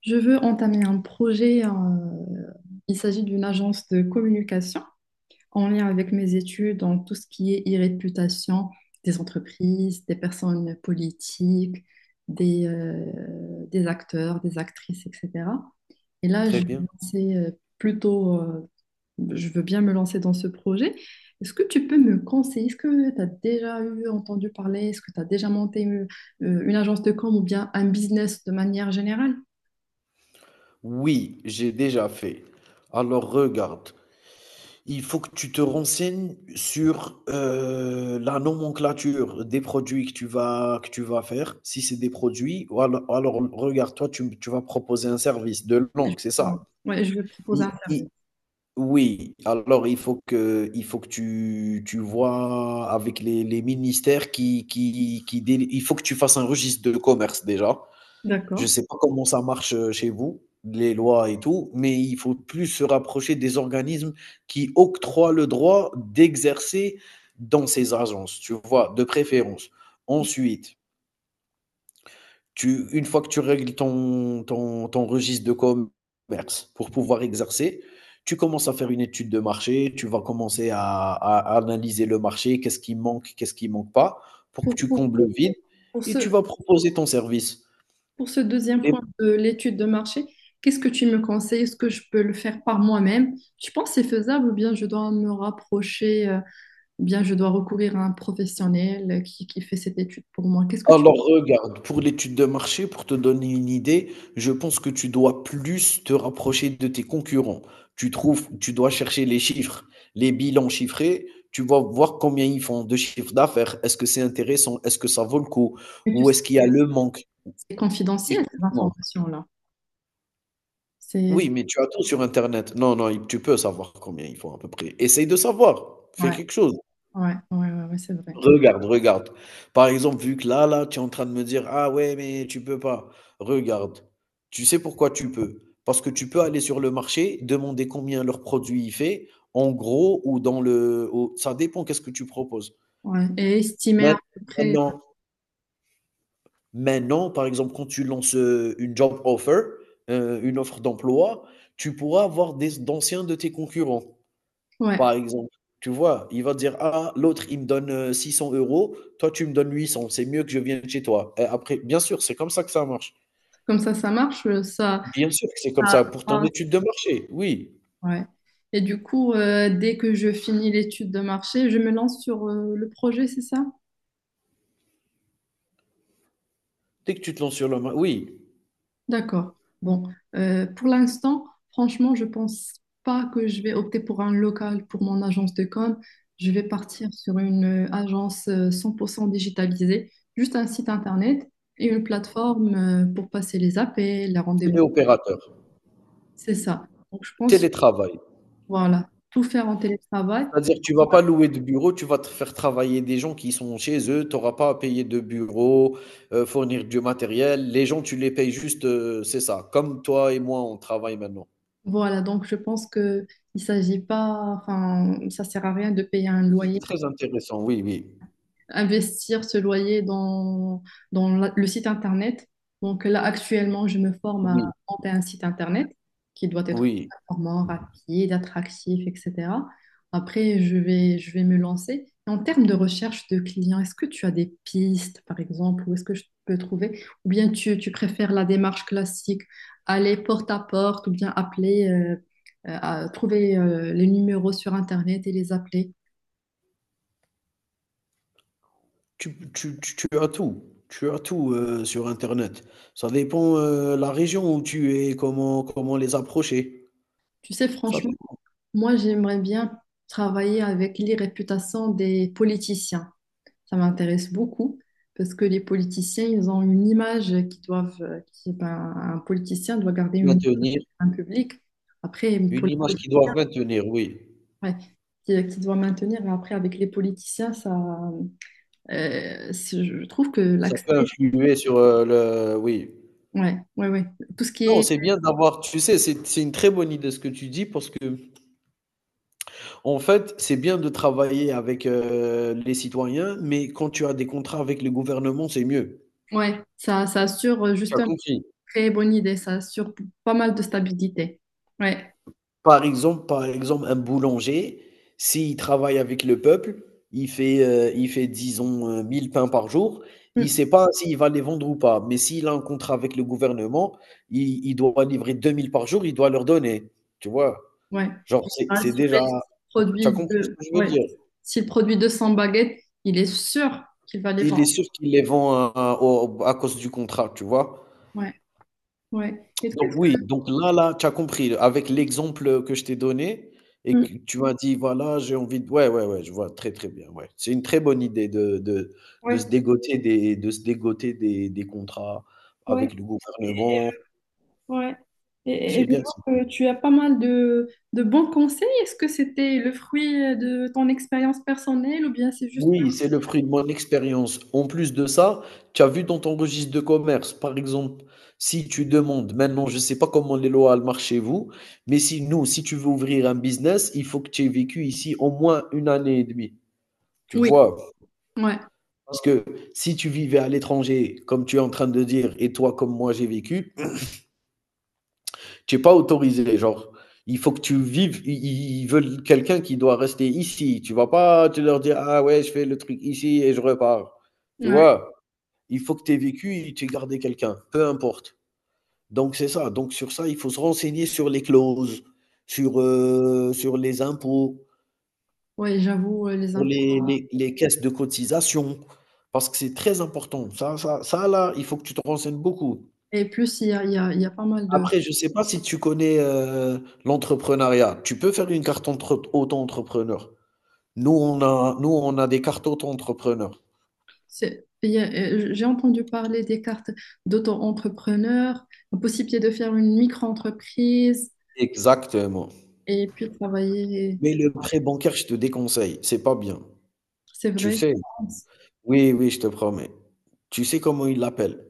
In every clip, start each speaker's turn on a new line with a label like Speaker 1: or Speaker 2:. Speaker 1: Je veux entamer un projet. Il s'agit d'une agence de communication en lien avec mes études dans tout ce qui est e-réputation des entreprises, des personnes politiques, des, euh, des acteurs, des actrices, etc. Et là, je
Speaker 2: Très
Speaker 1: vais
Speaker 2: bien.
Speaker 1: lancer, plutôt, je veux bien me lancer dans ce projet. Est-ce que tu peux me conseiller? Est-ce que tu as déjà eu entendu parler? Est-ce que tu as déjà monté une agence de com ou bien un business de manière générale?
Speaker 2: Oui, j'ai déjà fait. Alors regarde, il faut que tu te renseignes sur la nomenclature des produits que tu vas faire, si c'est des produits, ou alors, regarde, toi, tu vas proposer un service de langue, c'est ça?
Speaker 1: Exactement. Ouais, je vais proposer
Speaker 2: I-
Speaker 1: un service.
Speaker 2: i- oui, alors il faut que tu vois avec les ministères il faut que tu fasses un registre de commerce déjà. Je
Speaker 1: D'accord.
Speaker 2: sais pas comment ça marche, chez vous, les lois et tout, mais il faut plus se rapprocher des organismes qui octroient le droit d'exercer dans ces agences, tu vois? De préférence. Ensuite, tu une fois que tu règles ton registre de commerce pour pouvoir exercer, tu commences à faire une étude de marché, tu vas commencer à analyser le marché, qu'est-ce qui manque pas, pour
Speaker 1: Pour,
Speaker 2: que tu
Speaker 1: pour,
Speaker 2: combles le vide
Speaker 1: pour
Speaker 2: et
Speaker 1: ce,
Speaker 2: tu vas proposer ton service.
Speaker 1: pour ce deuxième point de l'étude de marché, qu'est-ce que tu me conseilles? Est-ce que je peux le faire par moi-même? Tu penses que c'est faisable ou bien je dois me rapprocher, ou bien je dois recourir à un professionnel qui fait cette étude pour moi? Qu'est-ce que tu,
Speaker 2: Alors regarde, pour l'étude de marché, pour te donner une idée, je pense que tu dois plus te rapprocher de tes concurrents. Tu trouves, tu dois chercher les chiffres, les bilans chiffrés. Tu vas voir combien ils font de chiffre d'affaires. Est-ce que c'est intéressant? Est-ce que ça vaut le coup?
Speaker 1: mais tu
Speaker 2: Ou
Speaker 1: sais,
Speaker 2: est-ce qu'il y a le manque?
Speaker 1: c'est confidentiel, ces
Speaker 2: Écoute-moi.
Speaker 1: informations-là. C'est,
Speaker 2: Oui, mais tu as tout sur Internet. Non, non, tu peux savoir combien ils font à peu près. Essaye de savoir. Fais
Speaker 1: ouais,
Speaker 2: quelque chose.
Speaker 1: ouais, ouais, c'est vrai.
Speaker 2: Regarde, regarde. Par exemple, vu que là, là, tu es en train de me dire: «Ah ouais, mais tu peux pas». Regarde, tu sais pourquoi tu peux? Parce que tu peux aller sur le marché, demander combien leur produit il fait, en gros ou dans le au ça dépend qu'est-ce que tu proposes.
Speaker 1: Ouais. Et estimer à
Speaker 2: Maint
Speaker 1: peu près,
Speaker 2: maintenant maintenant, par exemple, quand tu lances, une job offer, une offre d'emploi, tu pourras avoir des d'anciens de tes concurrents. Par
Speaker 1: ouais,
Speaker 2: exemple, tu vois? Il va te dire: «Ah, l'autre, il me donne, 600 euros, toi, tu me donnes 800, c'est mieux que je vienne chez toi» et après bien sûr, c'est comme ça que ça marche.
Speaker 1: comme ça marche,
Speaker 2: Bien sûr que c'est comme ça, pour ton
Speaker 1: ça-
Speaker 2: étude de marché, oui.
Speaker 1: Ouais. Et du coup, dès que je finis l'étude de marché, je me lance sur le projet, c'est ça?
Speaker 2: Dès que tu te lances sur le ma Oui.
Speaker 1: D'accord. Bon, pour l'instant, franchement, je pense pas que je vais opter pour un local pour mon agence de com. Je vais partir sur une agence 100% digitalisée, juste un site internet et une plateforme pour passer les appels, les rendez-vous.
Speaker 2: Téléopérateur,
Speaker 1: C'est ça. Donc, je pense,
Speaker 2: télétravail.
Speaker 1: voilà, tout faire en télétravail.
Speaker 2: C'est-à-dire, que tu vas pas louer de bureau, tu vas te faire travailler des gens qui sont chez eux, tu auras pas à payer de bureau, fournir du matériel. Les gens, tu les payes juste, c'est ça, comme toi et moi, on travaille maintenant.
Speaker 1: Voilà, donc je pense que il s'agit pas, enfin, ça sert à rien de payer un
Speaker 2: C'est
Speaker 1: loyer,
Speaker 2: très intéressant, oui, oui.
Speaker 1: investir ce loyer dans, le site internet. Donc là, actuellement, je me forme à
Speaker 2: Oui,
Speaker 1: monter un site internet qui doit être
Speaker 2: oui.
Speaker 1: performant, rapide, attractif, etc. Après, je vais me lancer. En termes de recherche de clients, est-ce que tu as des pistes, par exemple, où est-ce que je peux trouver? Ou bien tu préfères la démarche classique, aller porte à porte, ou bien appeler, trouver les numéros sur Internet et les appeler?
Speaker 2: Tu as tout, sur internet. Ça dépend, la région où tu es, comment les approcher.
Speaker 1: Tu sais,
Speaker 2: Ça
Speaker 1: franchement,
Speaker 2: dé
Speaker 1: moi, j'aimerais bien travailler avec les réputations des politiciens. Ça m'intéresse beaucoup parce que les politiciens, ils ont une image qui doivent, ben, un politicien doit garder une image,
Speaker 2: Maintenir
Speaker 1: un public. Après, pour
Speaker 2: une
Speaker 1: la
Speaker 2: image
Speaker 1: politique,
Speaker 2: qu'ils doivent maintenir, oui.
Speaker 1: ouais, qui doit maintenir. Et après, avec les politiciens, je trouve que
Speaker 2: Ça
Speaker 1: l'accès,
Speaker 2: peut influer sur, le oui.
Speaker 1: ouais, ouais, ouais, tout ce qui
Speaker 2: Non,
Speaker 1: est,
Speaker 2: c'est bien d'avoir tu sais, c'est une très bonne idée ce que tu dis parce que en fait, c'est bien de travailler avec, les citoyens, mais quand tu as des contrats avec le gouvernement, c'est mieux.
Speaker 1: ouais, ça assure
Speaker 2: Tu
Speaker 1: juste
Speaker 2: as
Speaker 1: une
Speaker 2: compris?
Speaker 1: très bonne idée. Ça assure pas mal de stabilité. Ouais.
Speaker 2: Par exemple, un boulanger, s'il travaille avec le peuple, il fait disons, 1000 pains par jour, il ne
Speaker 1: Mm.
Speaker 2: sait pas s'il va les vendre ou pas. Mais s'il a un contrat avec le gouvernement, il doit livrer 2000 par jour, il doit leur donner, tu vois?
Speaker 1: Ouais.
Speaker 2: Genre c'est
Speaker 1: Rassurer,
Speaker 2: déjà. Tu as compris ce que je veux
Speaker 1: ouais,
Speaker 2: dire?
Speaker 1: s'il produit 200 baguettes, il est sûr qu'il va les
Speaker 2: Il est
Speaker 1: vendre.
Speaker 2: sûr qu'il les vend à cause du contrat, tu vois?
Speaker 1: Ouais, ouais. Et toi,
Speaker 2: Donc oui, donc là, tu as compris avec l'exemple, que je t'ai donné et
Speaker 1: mm,
Speaker 2: que tu m'as dit: «Voilà, j'ai envie de» ouais, ouais, ouais, je vois très, très bien, ouais. C'est une très bonne idée de
Speaker 1: ouais,
Speaker 2: se dégoter des contrats
Speaker 1: ouais,
Speaker 2: avec le gouvernement.
Speaker 1: ouais.
Speaker 2: C'est
Speaker 1: Et je
Speaker 2: bien
Speaker 1: vois
Speaker 2: ça.
Speaker 1: que tu as pas mal de bons conseils. Est-ce que c'était le fruit de ton expérience personnelle ou bien c'est juste...
Speaker 2: Oui, c'est le fruit de mon expérience. En plus de ça, tu as vu dans ton registre de commerce, par exemple, si tu demandes maintenant, je ne sais pas comment les lois elles marchent chez vous, mais si nous, si tu veux ouvrir un business, il faut que tu aies vécu ici au moins une année et demie. Tu
Speaker 1: Oui,
Speaker 2: vois?
Speaker 1: ouais,
Speaker 2: Parce que si tu vivais à l'étranger, comme tu es en train de dire et toi comme moi j'ai vécu, tu es pas autorisé. Genre, il faut que tu vives, i i ils veulent quelqu'un qui doit rester ici. Tu vas pas te leur dire: «Ah ouais, je fais le truc ici et je repars». Tu
Speaker 1: ouais,
Speaker 2: vois? Il faut que tu aies vécu et tu aies gardé quelqu'un, peu importe. Donc c'est ça, donc sur ça, il faut se renseigner sur les clauses, sur les impôts.
Speaker 1: ouais, j'avoue, les
Speaker 2: Pour
Speaker 1: impôts.
Speaker 2: les caisses de cotisation, parce que c'est très important. Ça là, il faut que tu te renseignes beaucoup.
Speaker 1: Et plus, il y a pas mal de.
Speaker 2: Après, je ne sais pas si tu connais, l'entrepreneuriat. Tu peux faire une carte entre auto-entrepreneur. Nous, on a des cartes auto-entrepreneur.
Speaker 1: J'ai entendu parler des cartes d'auto-entrepreneur, la possibilité de faire une micro-entreprise,
Speaker 2: Exactement.
Speaker 1: et puis travailler.
Speaker 2: Mais le prêt bancaire, je te déconseille, c'est pas bien.
Speaker 1: C'est
Speaker 2: Tu
Speaker 1: vrai?
Speaker 2: sais? Oui, oui, je te promets. Tu sais comment ils l'appellent?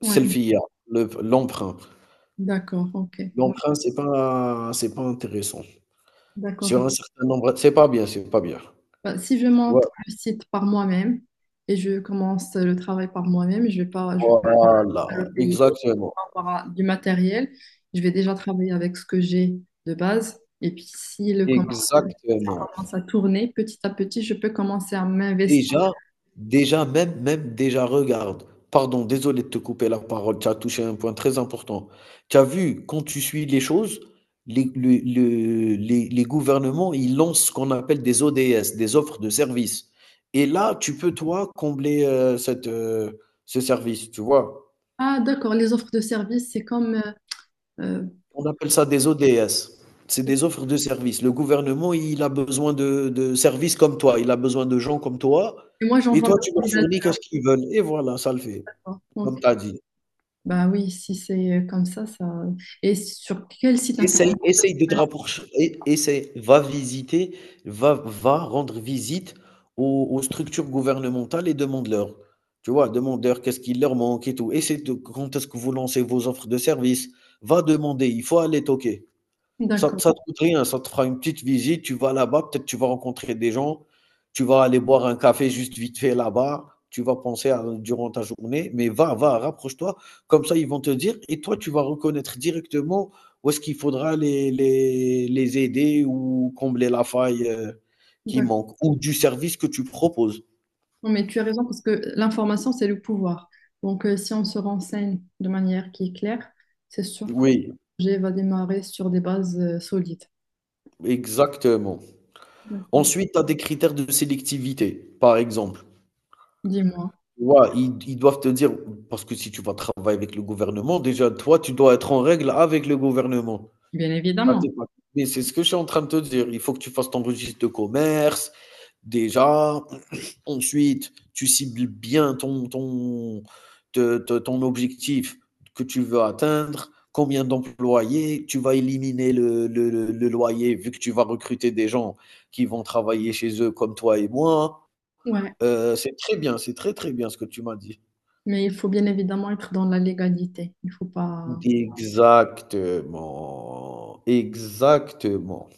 Speaker 1: Ouais,
Speaker 2: Selfie, le l'emprunt.
Speaker 1: d'accord, ok. Ouais,
Speaker 2: L'emprunt, c'est pas intéressant.
Speaker 1: d'accord, je...
Speaker 2: Sur un certain nombre c'est pas bien, c'est pas bien.
Speaker 1: Bah, si je
Speaker 2: Tu
Speaker 1: monte
Speaker 2: vois?
Speaker 1: le site par moi-même et je commence le travail par moi-même, je vais
Speaker 2: Voilà,
Speaker 1: pas le payer
Speaker 2: exactement,
Speaker 1: par rapport à du matériel. Je vais déjà travailler avec ce que j'ai de base. Et puis si le com-
Speaker 2: exactement.
Speaker 1: commence à tourner petit à petit, je peux commencer à m'investir.
Speaker 2: Déjà déjà même déjà regarde, pardon, désolé de te couper la parole, tu as touché un point très important. Tu as vu quand tu suis les choses, les le les gouvernements, ils lancent ce qu'on appelle des ODS, des offres de services et là, tu peux toi combler, ce service, tu vois?
Speaker 1: Ah, d'accord, les offres de services, c'est comme euh,
Speaker 2: On appelle ça des ODS. C'est des offres de services. Le gouvernement, il a besoin de services comme toi, il a besoin de gens comme toi
Speaker 1: et moi
Speaker 2: et
Speaker 1: j'envoie
Speaker 2: toi,
Speaker 1: ma
Speaker 2: tu leur fournis
Speaker 1: candidature.
Speaker 2: qu'est-ce qu'ils veulent et voilà, ça le fait,
Speaker 1: Donc,
Speaker 2: comme tu as dit.
Speaker 1: bah oui, si c'est comme ça, ça. Et sur quel site internet?
Speaker 2: Essaye de te rapprocher et essaye, va visiter, va rendre visite aux structures gouvernementales et demande-leur. Tu vois? Demande-leur qu'est-ce qu'il leur manque et tout. Essaye de quand est-ce que vous lancez vos offres de services? Va demander, il faut aller toquer. Ça
Speaker 1: D'accord,
Speaker 2: ça te coûte rien, ça te fera une petite visite, tu vas là-bas, peut-être tu vas rencontrer des gens, tu vas aller boire un café juste vite fait là-bas, tu vas penser à durant ta journée, mais va, va, rapproche-toi. Comme ça, ils vont te dire et toi, tu vas reconnaître directement où est-ce qu'il faudra les aider ou combler la faille, qui
Speaker 1: d'accord.
Speaker 2: manque ou du service que tu proposes.
Speaker 1: Non, mais tu as raison parce que l'information, c'est le pouvoir. Donc, si on se renseigne de manière qui est claire, c'est sûr que
Speaker 2: Oui,
Speaker 1: le projet va démarrer sur des bases solides.
Speaker 2: exactement.
Speaker 1: D'accord.
Speaker 2: Ensuite, tu as des critères de sélectivité. Par exemple.
Speaker 1: Dis-moi.
Speaker 2: Tu vois, ils doivent te dire parce que si tu vas travailler avec le gouvernement, déjà, toi, tu dois être en règle avec le gouvernement.
Speaker 1: Bien
Speaker 2: Ça,
Speaker 1: évidemment.
Speaker 2: c'est pas, mais c'est ce que je suis en train de te dire. Il faut que tu fasses ton registre de commerce, déjà. Ensuite, tu cibles bien ton ton te te ton objectif que tu veux atteindre, combien d'employés, tu vas éliminer le loyer vu que tu vas recruter des gens qui vont travailler chez eux comme toi et moi.
Speaker 1: Ouais.
Speaker 2: C'est très bien, c'est très, très bien ce que tu m'as dit.
Speaker 1: Mais il faut bien évidemment être dans la légalité. Il faut pas.
Speaker 2: Exactement, exactement.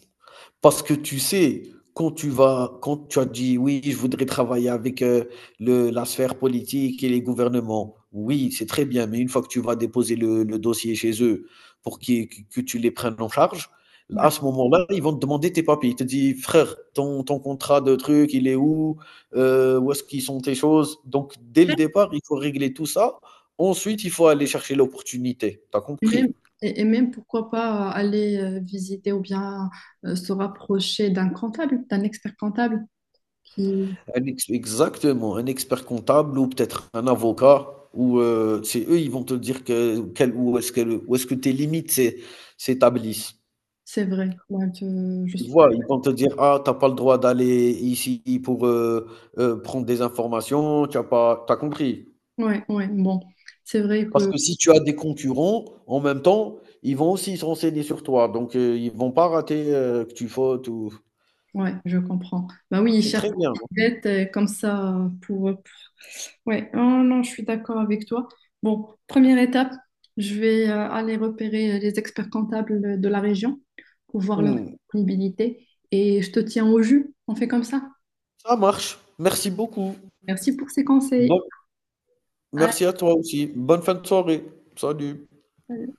Speaker 2: Parce que tu sais, quand tu as dit: «Oui, je voudrais travailler avec, le la sphère politique et les gouvernements». Oui, c'est très bien, mais une fois que tu vas déposer le dossier chez eux pour qu'ils que tu les prennes en charge,
Speaker 1: Ouais.
Speaker 2: à ce moment-là, ils vont te demander tes papiers. Ils te disent: «Frère, ton contrat de truc, il est où? Où est-ce qu'ils sont tes choses?» Donc dès le départ, il faut régler tout ça. Ensuite, il faut aller chercher l'opportunité. T'as
Speaker 1: Et même,
Speaker 2: compris?
Speaker 1: et même, pourquoi pas aller visiter ou bien se rapprocher d'un comptable, d'un expert comptable qui,
Speaker 2: Exactement, un expert comptable ou peut-être un avocat, ou c'est eux, ils vont te dire que, où est-ce que, où est-ce que tes limites s'établissent.
Speaker 1: c'est vrai, ouais, je
Speaker 2: Tu
Speaker 1: suis.
Speaker 2: vois, ils vont te dire, ah, t'as pas le droit d'aller ici pour prendre des informations, tu as pas, t'as compris.
Speaker 1: Ouais, ouais, bon, c'est vrai
Speaker 2: Parce
Speaker 1: que.
Speaker 2: que si tu as des concurrents, en même temps, ils vont aussi se renseigner sur toi. Donc, ils vont pas rater que tu fautes ou.
Speaker 1: Ouais, je comprends. Bah oui, ils
Speaker 2: C'est
Speaker 1: cherchent
Speaker 2: très bien.
Speaker 1: des dettes comme ça Ouais, oh non, je suis d'accord avec toi. Bon, première étape, je vais aller repérer les experts comptables de la région pour voir leur
Speaker 2: Hmm.
Speaker 1: disponibilité et je te tiens au jus. On fait comme ça.
Speaker 2: Ça marche. Merci beaucoup.
Speaker 1: Merci pour ces conseils.
Speaker 2: Bonne Merci à toi aussi. Bonne fin de soirée. Salut.
Speaker 1: À-